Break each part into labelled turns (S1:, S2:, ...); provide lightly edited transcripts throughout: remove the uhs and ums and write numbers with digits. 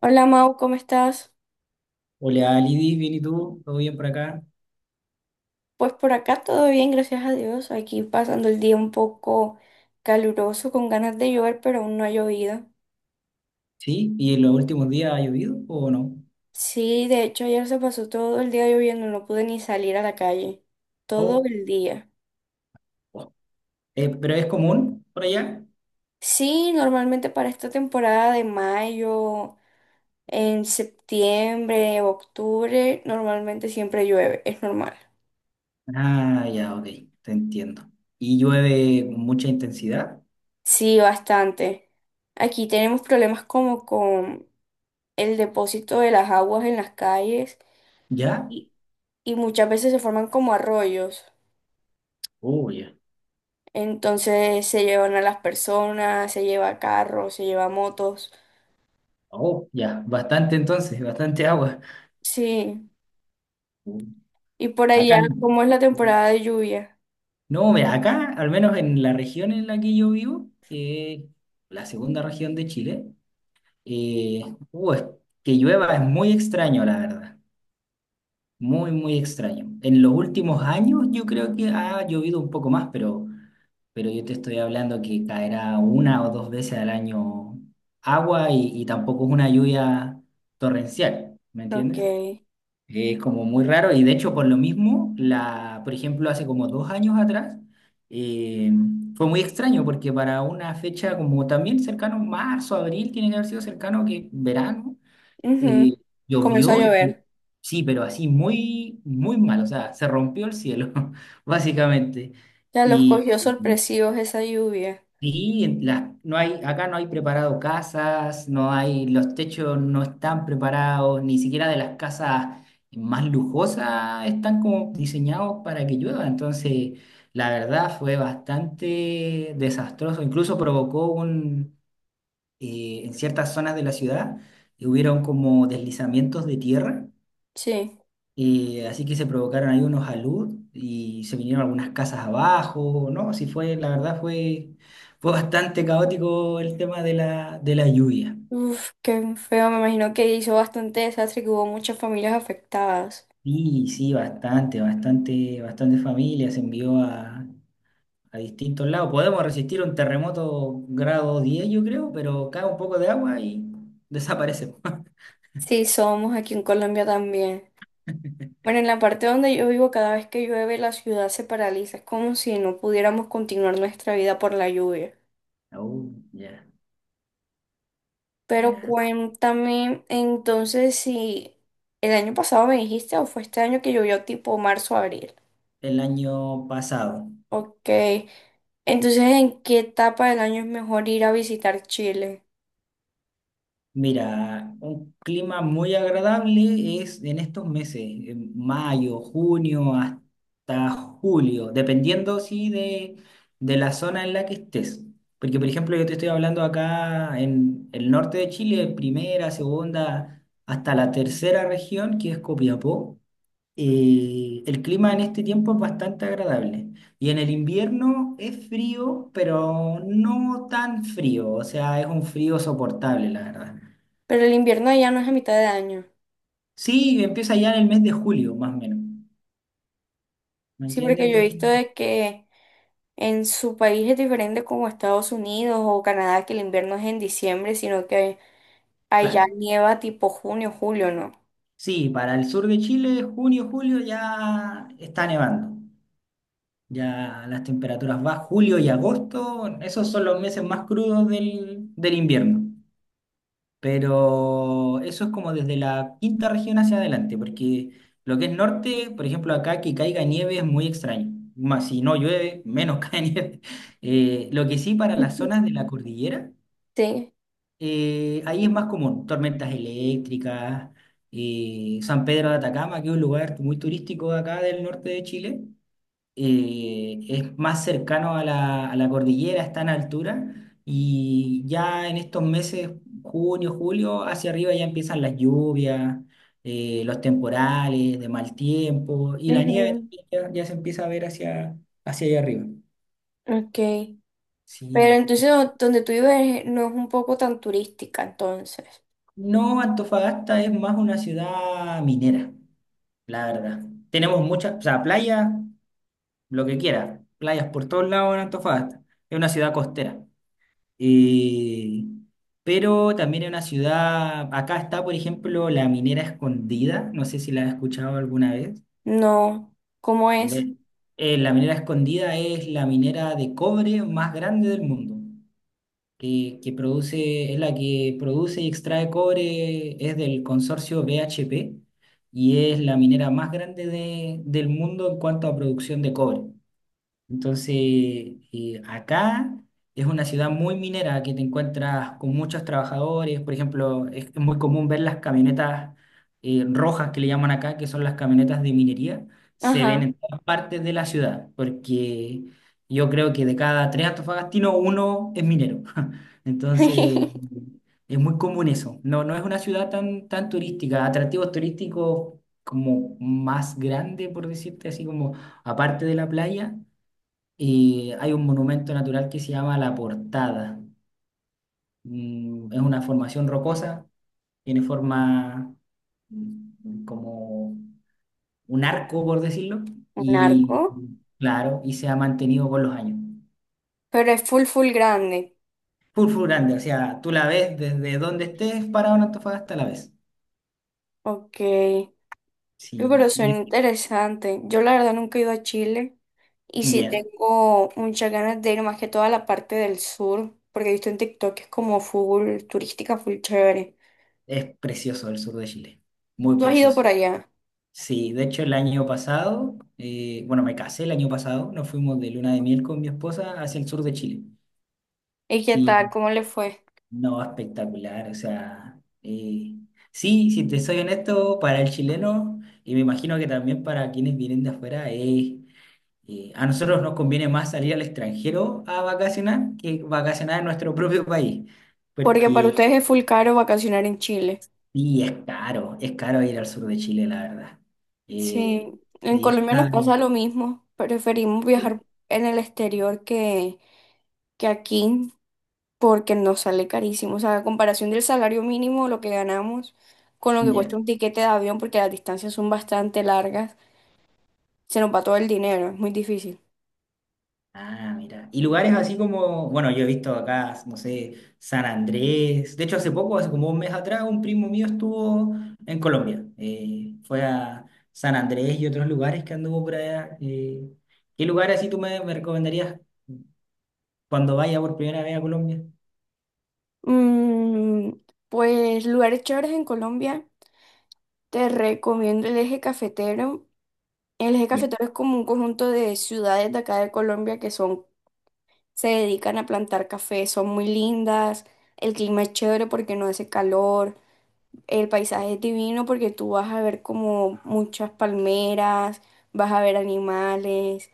S1: Hola Mau, ¿cómo estás?
S2: Hola, Lidis, bien y tú, todo bien por acá.
S1: Pues por acá todo bien, gracias a Dios. Aquí pasando el día un poco caluroso, con ganas de llover, pero aún no ha llovido.
S2: Sí, ¿y en los últimos días ha llovido o no?
S1: Sí, de hecho ayer se pasó todo el día lloviendo, no pude ni salir a la calle. Todo
S2: Oh,
S1: el día.
S2: oh. Pero es común por allá.
S1: Sí, normalmente para esta temporada de mayo, en septiembre, octubre, normalmente siempre llueve, es normal.
S2: Ah, ya, ok, te entiendo. ¿Y llueve con mucha intensidad?
S1: Sí, bastante. Aquí tenemos problemas como con el depósito de las aguas en las calles
S2: ¿Ya?
S1: y, y muchas veces se forman como arroyos.
S2: Oh, ya.
S1: Entonces se llevan a las personas, se lleva carros, se lleva motos.
S2: Oh, ya, bastante entonces, bastante agua.
S1: Sí,
S2: Mm.
S1: y por
S2: Acá
S1: allá,
S2: no.
S1: como es la
S2: Mm.
S1: temporada de lluvia?
S2: No, mira, acá, al menos en la región en la que yo vivo, que es la segunda región de Chile, eh, es que llueva es muy extraño, la verdad. Muy, muy extraño. En los últimos años yo creo que ha llovido un poco más, pero yo te estoy hablando que caerá una o dos veces al año agua y tampoco es una lluvia torrencial, ¿me
S1: Ok.
S2: entiendes? Es como muy raro y de hecho por lo mismo, la, por ejemplo, hace como dos años atrás, eh, fue muy extraño porque para una fecha como también cercano, marzo, abril, tiene que haber sido cercano que verano.
S1: Ujú.
S2: Y
S1: Comenzó a
S2: llovió,
S1: llover.
S2: sí, pero así muy, muy mal, o sea, se rompió el cielo, básicamente.
S1: Ya los
S2: Y,
S1: cogió sorpresivos esa lluvia.
S2: y en no hay, acá no hay preparado casas, no hay, los techos no están preparados, ni siquiera de las casas más lujosas están como diseñados para que llueva. Entonces, la verdad fue bastante desastroso, incluso provocó un, en ciertas zonas de la ciudad, hubieron como deslizamientos de tierra
S1: Sí.
S2: y así que se provocaron ahí unos alud y se vinieron algunas casas abajo, ¿no? Sí fue, la verdad fue, fue bastante caótico el tema de la lluvia.
S1: Uf, qué feo. Me imagino que hizo bastante desastre y que hubo muchas familias afectadas.
S2: Sí, sí, bastante, bastante, bastante familia se envió a distintos lados. Podemos resistir un terremoto grado 10 yo creo, pero cae un poco de agua y desaparece.
S1: Sí, somos aquí en Colombia también. Bueno, en la parte donde yo vivo, cada vez que llueve, la ciudad se paraliza. Es como si no pudiéramos continuar nuestra vida por la lluvia.
S2: Oh, ya.
S1: Pero
S2: Mira,
S1: cuéntame entonces, si el año pasado me dijiste o fue este año que llovió tipo marzo, abril.
S2: el año pasado.
S1: Ok. Entonces, ¿en qué etapa del año es mejor ir a visitar Chile?
S2: Mira, un clima muy agradable es en estos meses, en mayo, junio, hasta julio, dependiendo sí de la zona en la que estés. Porque, por ejemplo, yo te estoy hablando acá en el norte de Chile, primera, segunda, hasta la tercera región, que es Copiapó. El clima en este tiempo es bastante agradable. Y en el invierno es frío, pero no tan frío, o sea, es un frío soportable, la verdad.
S1: Pero el invierno allá no es a mitad de año.
S2: Sí, empieza ya en el mes de julio, más o menos. ¿Me
S1: Sí,
S2: entiendes?
S1: porque yo he
S2: Empieza-
S1: visto de que en su país es diferente como Estados Unidos o Canadá, que el invierno es en diciembre, sino que ahí ya
S2: Claro.
S1: nieva tipo junio, julio, ¿no?
S2: Sí, para el sur de Chile, junio, julio ya está nevando. Ya las temperaturas van, julio y agosto, esos son los meses más crudos del, del invierno. Pero eso es como desde la quinta región hacia adelante, porque lo que es norte, por ejemplo, acá que caiga nieve es muy extraño. Más si no llueve, menos cae nieve. Lo que sí para las
S1: Ujú.
S2: zonas de la cordillera.
S1: Sí.
S2: Ahí es más común, tormentas eléctricas, San Pedro de Atacama, que es un lugar muy turístico de acá del norte de Chile, es más cercano a la cordillera, está en altura, y ya en estos meses, junio, julio, hacia arriba ya empiezan las lluvias, los temporales de mal tiempo, y la nieve
S1: Ujú.
S2: también ya, ya se empieza a ver hacia, hacia allá arriba.
S1: Ok. Pero
S2: Sí.
S1: entonces donde tú vives no es un poco tan turística, entonces.
S2: No, Antofagasta es más una ciudad minera, la verdad. Tenemos muchas, o sea, playas, lo que quiera, playas por todos lados en Antofagasta. Es una ciudad costera. Y- pero también es una ciudad, acá está, por ejemplo, la Minera Escondida, no sé si la has escuchado alguna vez.
S1: No. ¿Cómo es?
S2: Ve- la Minera Escondida es la minera de cobre más grande del mundo, que produce, es la que produce y extrae cobre, es del consorcio BHP y es la minera más grande del mundo en cuanto a producción de cobre. Entonces, acá es una ciudad muy minera que te encuentras con muchos trabajadores. Por ejemplo, es muy común ver las camionetas rojas que le llaman acá, que son las camionetas de minería. Se ven
S1: Ajá.
S2: en todas partes de la ciudad, porque yo creo que de cada 3 antofagastinos, uno es minero. Entonces, es muy común eso. No, no es una ciudad tan, tan turística. Atractivos turísticos como más grande, por decirte así, como aparte de la playa y hay un monumento natural que se llama La Portada. Mm, es una formación rocosa, tiene forma mm, como un arco, por decirlo,
S1: Un
S2: y
S1: arco.
S2: claro, y se ha mantenido con los años.
S1: Pero es full, full grande.
S2: Full, full grande, o sea, tú la ves desde donde estés parado en Antofagasta, la ves.
S1: Ok. Uy, pero
S2: Sí,
S1: suena
S2: y-
S1: interesante. Yo la verdad nunca he ido a Chile. Y sí
S2: ya,
S1: tengo muchas ganas de ir, más que toda la parte del sur. Porque he visto en TikTok que es como full turística, full chévere.
S2: es precioso el sur de Chile, muy
S1: ¿Tú has ido
S2: precioso.
S1: por allá?
S2: Sí, de hecho el año pasado, bueno, me casé el año pasado, nos fuimos de luna de miel con mi esposa hacia el sur de Chile.
S1: ¿Y qué
S2: Y
S1: tal? ¿Cómo le fue?
S2: no, espectacular, o sea, sí, si te soy honesto, para el chileno, y me imagino que también para quienes vienen de afuera, es, a nosotros nos conviene más salir al extranjero a vacacionar que vacacionar en nuestro propio país,
S1: Porque para
S2: porque
S1: ustedes es full caro vacacionar en Chile.
S2: sí, es caro ir al sur de Chile, la verdad.
S1: Sí,
S2: Eh,
S1: en
S2: y es
S1: Colombia nos
S2: caro.
S1: pasa lo mismo. Preferimos
S2: Sí,
S1: viajar en el exterior que aquí porque nos sale carísimo. O sea, a comparación del salario mínimo, lo que ganamos con lo que cuesta
S2: ya.
S1: un tiquete de avión, porque las distancias son bastante largas, se nos va todo el dinero, es muy difícil.
S2: Ah, mira. Y lugares así como, bueno, yo he visto acá, no sé, San Andrés. De hecho, hace poco, hace como un mes atrás, un primo mío estuvo en Colombia. Fue a San Andrés y otros lugares que anduvo por allá. ¿Qué lugares así tú me, me recomendarías cuando vaya por primera vez a Colombia?
S1: Mm, pues lugares chéveres en Colombia, te recomiendo el eje cafetero. El eje
S2: Ya,
S1: cafetero es como un conjunto de ciudades de acá de Colombia que son, se dedican a plantar café, son muy lindas, el clima es chévere porque no hace calor, el paisaje es divino porque tú vas a ver como muchas palmeras, vas a ver animales,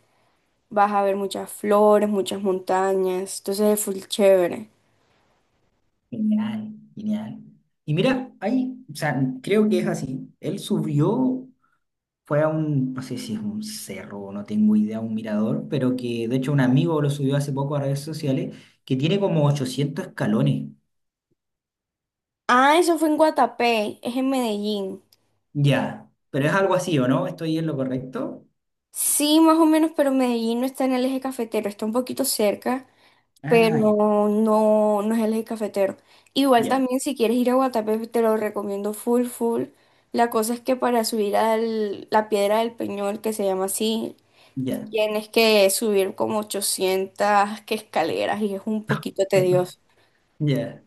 S1: vas a ver muchas flores, muchas montañas, entonces es full chévere.
S2: genial, genial. Y mira, ahí, o sea, creo que es así. Él subió. Fue a un, no sé si es un cerro, no tengo idea, un mirador, pero que de hecho un amigo lo subió hace poco a redes sociales, que tiene como 800 escalones.
S1: Ah, eso fue en Guatapé, es en Medellín.
S2: Ya, pero es algo así, ¿o no? ¿Estoy en lo correcto?
S1: Sí, más o menos, pero Medellín no está en el eje cafetero, está un poquito cerca. Pero
S2: Ah, ya,
S1: no, no es el eje cafetero. Igual
S2: ya,
S1: también si quieres ir a Guatapé, te lo recomiendo full, full. La cosa es que para subir a la Piedra del Peñol, que se llama así,
S2: ya,
S1: tienes que subir como 800 que escaleras y es un poquito tedioso.
S2: ya.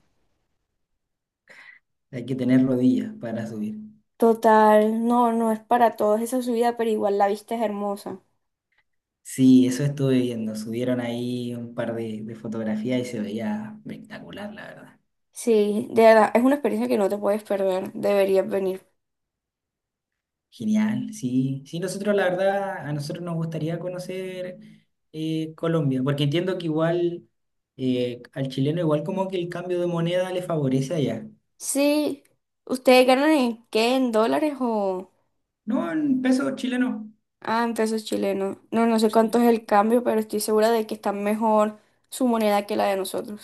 S2: Hay que tener rodillas para subir.
S1: Total, no, no es para todos esa subida, pero igual la vista es hermosa.
S2: Sí, eso estuve viendo. Subieron ahí un par de fotografías y se veía espectacular, la verdad.
S1: Sí, de verdad, es una experiencia que no te puedes perder, deberías venir.
S2: Genial, sí. Sí, nosotros la verdad, a nosotros nos gustaría conocer Colombia, porque entiendo que igual al chileno igual como que el cambio de moneda le favorece allá.
S1: Sí, ¿ustedes ganan en qué? ¿En dólares o...?
S2: No, en pesos chilenos.
S1: Ah, en pesos chilenos. No, no sé cuánto
S2: Sí,
S1: es el cambio, pero estoy segura de que está mejor su moneda que la de nosotros.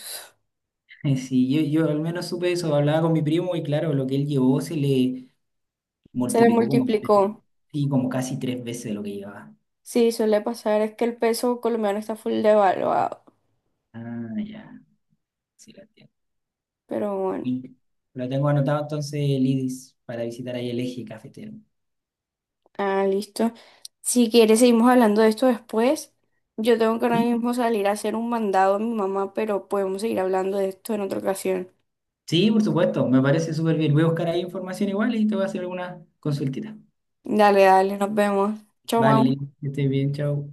S2: Sí, yo al menos supe eso, hablaba con mi primo y claro, lo que él llevó se le
S1: Se le
S2: multiplicó como,
S1: multiplicó.
S2: sí, como casi 3 veces lo que llevaba.
S1: Sí, suele pasar. Es que el peso colombiano está full devaluado.
S2: Ah, ya, sí, lo entiendo.
S1: Pero bueno,
S2: Y lo tengo anotado entonces, Lidis, para visitar ahí el eje cafetero.
S1: ah, listo. Si quieres, seguimos hablando de esto después. Yo tengo que ahora
S2: ¿Sí?
S1: mismo salir a hacer un mandado a mi mamá, pero podemos seguir hablando de esto en otra ocasión.
S2: Sí, por supuesto, me parece súper bien. Voy a buscar ahí información igual y te voy a hacer alguna consultita.
S1: Dale, dale, nos vemos. Chao,
S2: Vale, Lin,
S1: mamá.
S2: que estés bien, chao.